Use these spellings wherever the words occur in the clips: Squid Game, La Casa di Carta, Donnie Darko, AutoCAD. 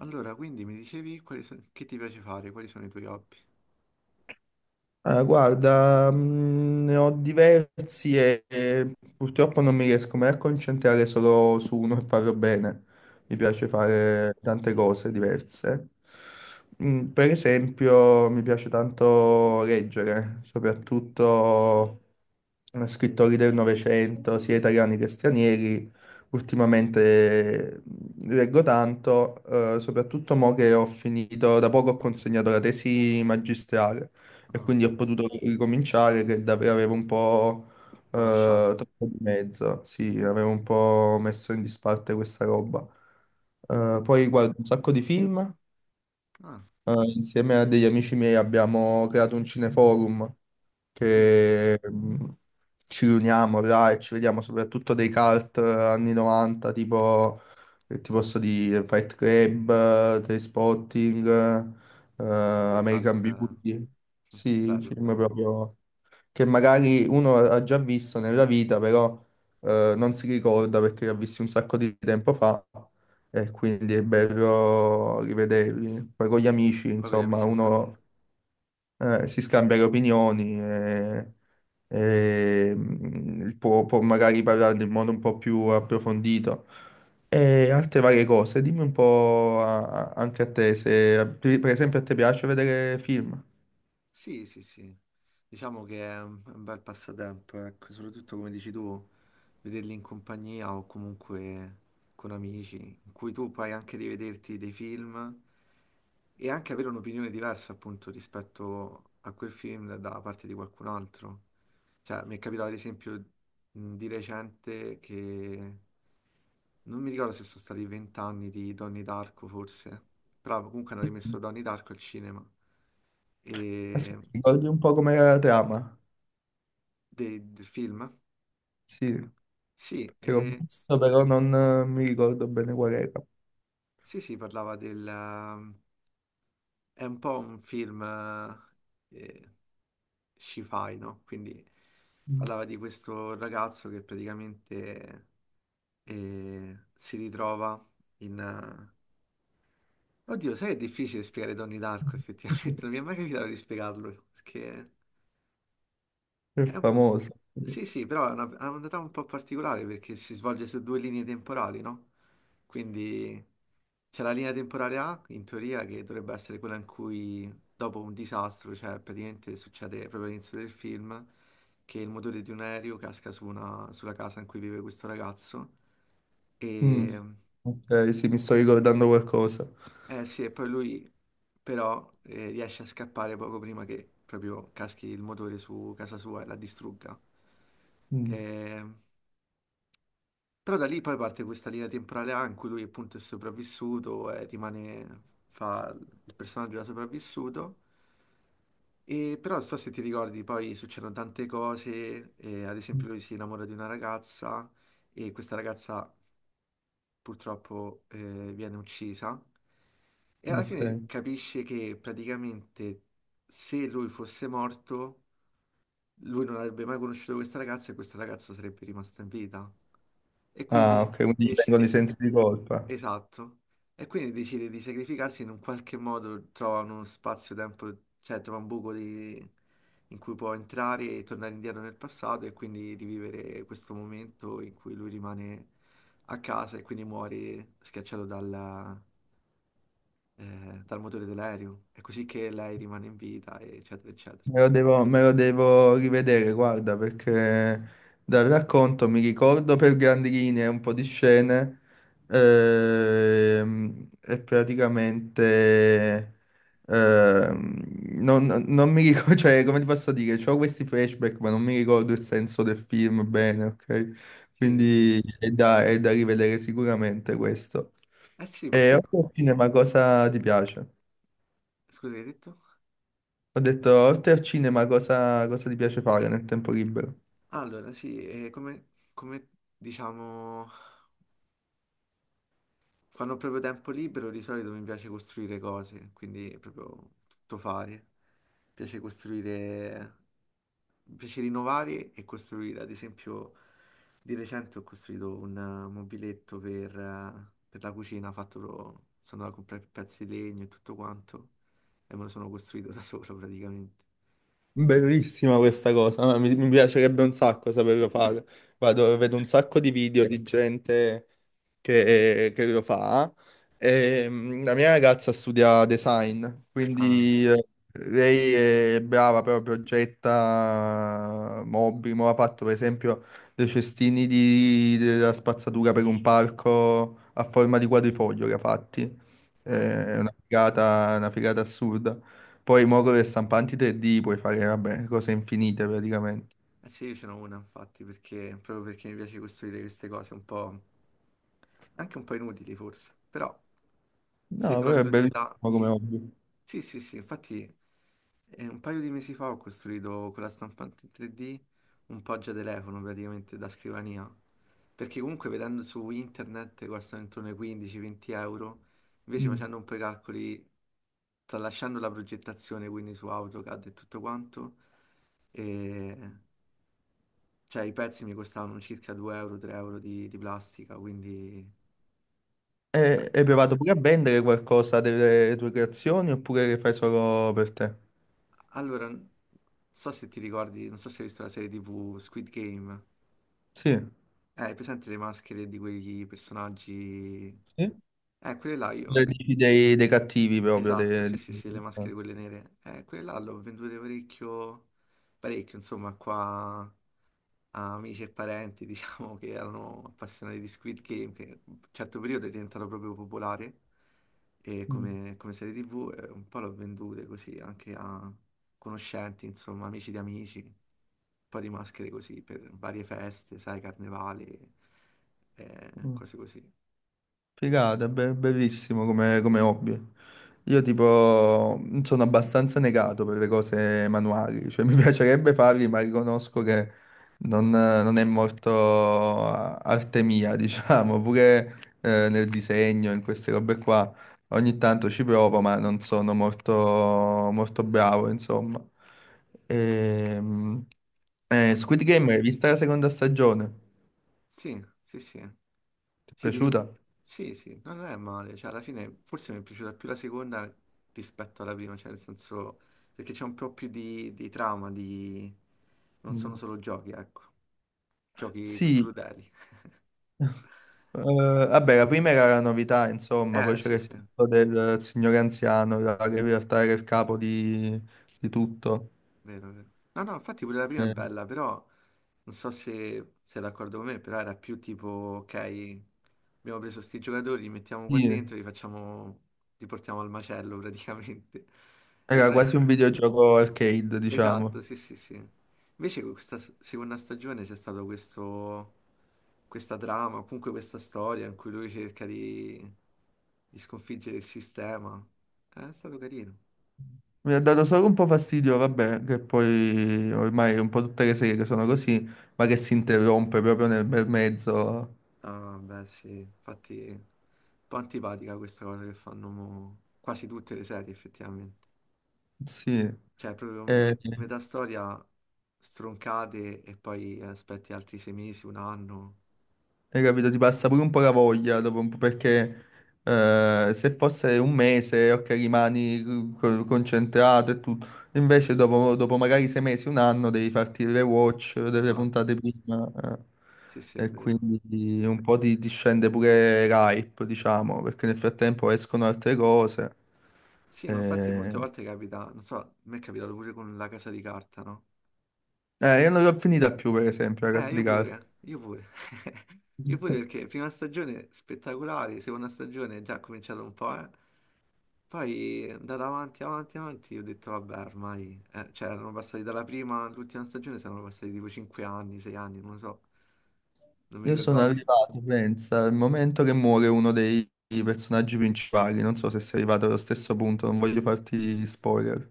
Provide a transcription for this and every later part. Allora, quindi mi dicevi quali che ti piace fare, quali sono i tuoi hobby? Ah, guarda, ne ho diversi e purtroppo non mi riesco mai a concentrare solo su uno e farlo bene. Mi Mm. piace fare tante cose diverse. Per esempio, mi piace tanto leggere, soprattutto scrittori del Novecento, sia italiani che stranieri. Ultimamente leggo tanto, soprattutto mo che ho finito, da poco ho consegnato la tesi magistrale e Ah, quindi ho potuto ricominciare che davvero avevo un po' poi ho lasciato. troppo di mezzo, sì, avevo un po' messo in disparte questa roba. Eh. Poi guardo un sacco di film, Ah. Insieme a degli amici miei abbiamo creato un cineforum Mm, che ci riuniamo là e ci vediamo soprattutto dei cult anni 90, tipo, che ti posso dire, Fight Club, Trainspotting, American ricalca. Beauty. Mm. Sì, Bello, film bello. proprio che magari uno ha già visto nella vita, però non si ricorda perché li ha visti un sacco di tempo fa e quindi è bello rivederli. Poi con gli amici, Poi con gli insomma, amici, infatti. uno si scambia le opinioni e, può magari parlarne in modo un po' più approfondito. E altre varie cose, dimmi un po' anche a te, se per esempio a te piace vedere film. Sì, sì, sì. Diciamo che è un bel passatempo, ecco, soprattutto come dici tu, vederli in compagnia o comunque con amici, in cui tu puoi anche rivederti dei film e anche avere un'opinione diversa appunto rispetto a quel film da parte di qualcun altro. Cioè, mi è capitato ad esempio, di recente, che non mi ricordo se sono stati 20 anni di Donnie Darko, forse, però comunque hanno rimesso Donnie Darko al cinema e Aspetta, ricordi un po' com'era la trama? Del film. Sì. Sì, Che l'ho visto, però non mi ricordo bene qual era. sì, sì, parlava del... È un po' un film eh, sci-fi, no? Quindi Mm. parlava di questo ragazzo che praticamente si ritrova in... Oddio, sai, che è difficile spiegare Donnie Darko, effettivamente. Non mi è mai capitato di spiegarlo, perché... È è un- famoso. Sì, sì, però ha una trama un po' particolare, perché si svolge su due linee temporali, no? Quindi c'è la linea temporale A, in teoria, che dovrebbe essere quella in cui, dopo un disastro, cioè praticamente succede proprio all'inizio del film, che il motore di un aereo casca su sulla casa in cui vive questo ragazzo. Mm. Ok, sì, mi sto ricordando qualcosa. Eh sì, e poi lui però riesce a scappare poco prima che proprio caschi il motore su casa sua e la distrugga. Mm. Eh, però da lì poi parte questa linea temporale A in cui lui appunto è sopravvissuto e rimane, fa il personaggio da sopravvissuto. E però non so se ti ricordi, poi succedono tante cose, ad esempio lui si innamora di una ragazza e questa ragazza purtroppo viene uccisa e alla Ok. fine capisce che praticamente, se lui fosse morto, lui non avrebbe mai conosciuto questa ragazza e questa ragazza sarebbe rimasta in vita. E Ah, quindi ok, quindi gli vengono i decide... sensi di colpa. Esatto. E quindi decide di sacrificarsi in un qualche modo, trova uno spazio-tempo, cioè trova un buco... di- in cui può entrare e tornare indietro nel passato e quindi rivivere questo momento in cui lui rimane a casa e quindi muore schiacciato dal motore dell'aereo. È così che lei rimane in vita, eccetera, eccetera. Me lo devo rivedere, guarda, perché dal racconto mi ricordo per grandi linee un po' di scene e praticamente. Ehm, non mi ricordo, cioè, come ti posso dire, ho questi flashback, ma non mi ricordo il senso del film bene, ok? Sì, sì. Quindi è da rivedere sicuramente questo. Eh sì, E perché... oltre al cinema, cosa ti piace? Scusa, hai detto? Ho detto, oltre al cinema, cosa ti piace fare nel tempo libero? Allora, sì, come, come diciamo... Quando ho proprio tempo libero, di solito mi piace costruire cose, quindi è proprio tutto fare. Mi piace costruire, mi piace rinnovare e costruire. Ad esempio, di recente ho costruito un mobiletto per la cucina, fatto, sono andato a comprare pezzi di legno e tutto quanto, e me lo sono costruito da solo praticamente. Bellissima questa cosa, ma mi piacerebbe un sacco saperlo fare. Vado, vedo un sacco di video di gente che lo fa. E, la mia ragazza studia design, Ah, quindi lei è brava, però progetta mobili. Mo ha fatto per esempio dei cestini della spazzatura per un parco a forma di quadrifoglio che ha fatti. Bello. È una figata assurda. Poi muovo le stampanti 3D, puoi fare, vabbè, cose infinite praticamente. Eh sì, io ce n'ho una infatti, perché, proprio perché mi piace costruire queste cose un po', anche un po' inutili forse, però Sì, No, però trovi è l'utilità. bellissimo come hobby. Sì, sì, sì, infatti un paio di mesi fa ho costruito quella stampante in 3D un poggia telefono praticamente da scrivania, perché comunque vedendo su internet costano intorno ai 15-20 euro, invece Mm. facendo un po' i calcoli, tralasciando la progettazione quindi su AutoCAD e tutto quanto, e, cioè i pezzi mi costavano circa 2 euro, 3 euro di plastica, quindi... E, cioè, hai provato pure a vendere qualcosa delle tue creazioni oppure le fai solo per te? allora, non so se ti ricordi, non so se hai visto la serie TV Squid Game. Sì. Hai presente le maschere di quei personaggi? Sì? Quelle là Le io. dici dei cattivi proprio. Esatto, sì, sì, sì, le maschere quelle nere. Quelle là le ho vendute parecchio, parecchio, insomma, qua a amici e parenti, diciamo, che erano appassionati di Squid Game, che in un certo periodo è diventato proprio popolare e Mm. come, come serie TV, un po' l'ho vendute così anche a conoscenti, insomma, amici di amici po' di maschere così per varie feste, sai, carnevali, Mm. cose così. Figata, bellissimo come, come hobby. Io tipo sono abbastanza negato per le cose manuali, cioè mi piacerebbe farli, ma riconosco che non è molto arte mia, diciamo, pure nel disegno, in queste robe qua. Ogni tanto ci provo, ma non sono molto, molto bravo, insomma. Ehm, No, no. Squid Game, hai visto la seconda stagione? Sì, sì, sì. Ti è Sì, piaciuta? sì, sì, no, non è male. Cioè, alla fine forse mi è piaciuta più la seconda rispetto alla prima, cioè nel senso perché c'è un po' più di trama, di... non sono Mm. solo giochi, ecco, giochi Sì. crudeli. Eh, vabbè, la prima era la novità, insomma, poi c'era Sì, il sì. fatto del signore anziano, là, che in realtà era il capo di, tutto. Vero, vero. No, no, infatti pure la prima è Eh, bella, però non so se sei d'accordo con me, però era più tipo, ok, abbiamo preso sti giocatori, li mettiamo qua sì, dentro, li facciamo, li portiamo al macello praticamente. E era non è... quasi un videogioco arcade, Esatto, diciamo. sì, sì, sì. Invece con questa seconda stagione c'è stato questo, questa trama, o comunque questa storia in cui lui cerca di sconfiggere il sistema. È stato carino. Mi ha dato solo un po' fastidio, vabbè, che poi ormai un po' tutte le serie sono così, ma che si interrompe proprio nel bel mezzo. Ah, beh, sì, infatti è un po' antipatica questa cosa che fanno mo quasi tutte le serie, effettivamente. Sì. Cioè, proprio Eh, metà storia stroncate e poi aspetti altri 6 mesi, un anno. Hai capito? Ti passa pure un po' la voglia dopo un po' perché se fosse un mese, ok, rimani concentrato e tutto. Invece dopo magari 6 mesi, un anno, devi farti le watch delle Esatto, puntate prima. Eh. sì, sì, è E vero. quindi un po' ti scende pure l'hype, diciamo, perché nel frattempo escono altre cose. Sì, ma infatti molte Eh, volte capita, non so, a me è capitato pure con La Casa di Carta, no? io non l'ho finita più, per esempio, la casa Io di carta. pure, io pure. Io pure perché prima stagione spettacolare, seconda stagione è già cominciato un po', eh. Poi è andata avanti, avanti, avanti, ho detto vabbè, ormai, cioè erano passati dalla prima all'ultima stagione, saranno passati tipo 5 anni, 6 anni, non lo so, non mi Io sono ricordavo più. arrivato, pensa, al momento che muore uno dei personaggi principali. Non so se sei arrivato allo stesso punto, non voglio farti spoiler.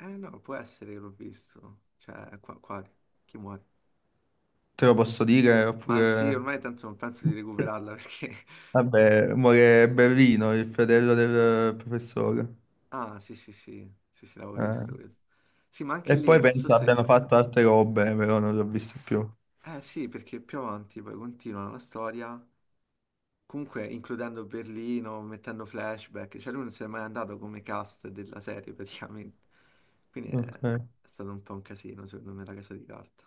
Eh no, può essere che l'ho visto, cioè qua, quale? Chi muore? Te lo posso dire, Ma sì, oppure... ormai tanto non penso di recuperarla perché... Vabbè, muore Berlino, il fratello del professore. Ah, sì, sì, sì, sì, sì, l'avevo Eh. visto questo. Sì, ma anche E lì, poi non so penso se... abbiano fatto altre robe, però non l'ho visto più. Eh sì, perché più avanti poi continua la storia. Comunque, includendo Berlino, mettendo flashback, cioè lui non si è mai andato come cast della serie praticamente. Quindi Ok. è stato un po' un casino, secondo me, la casa di carta.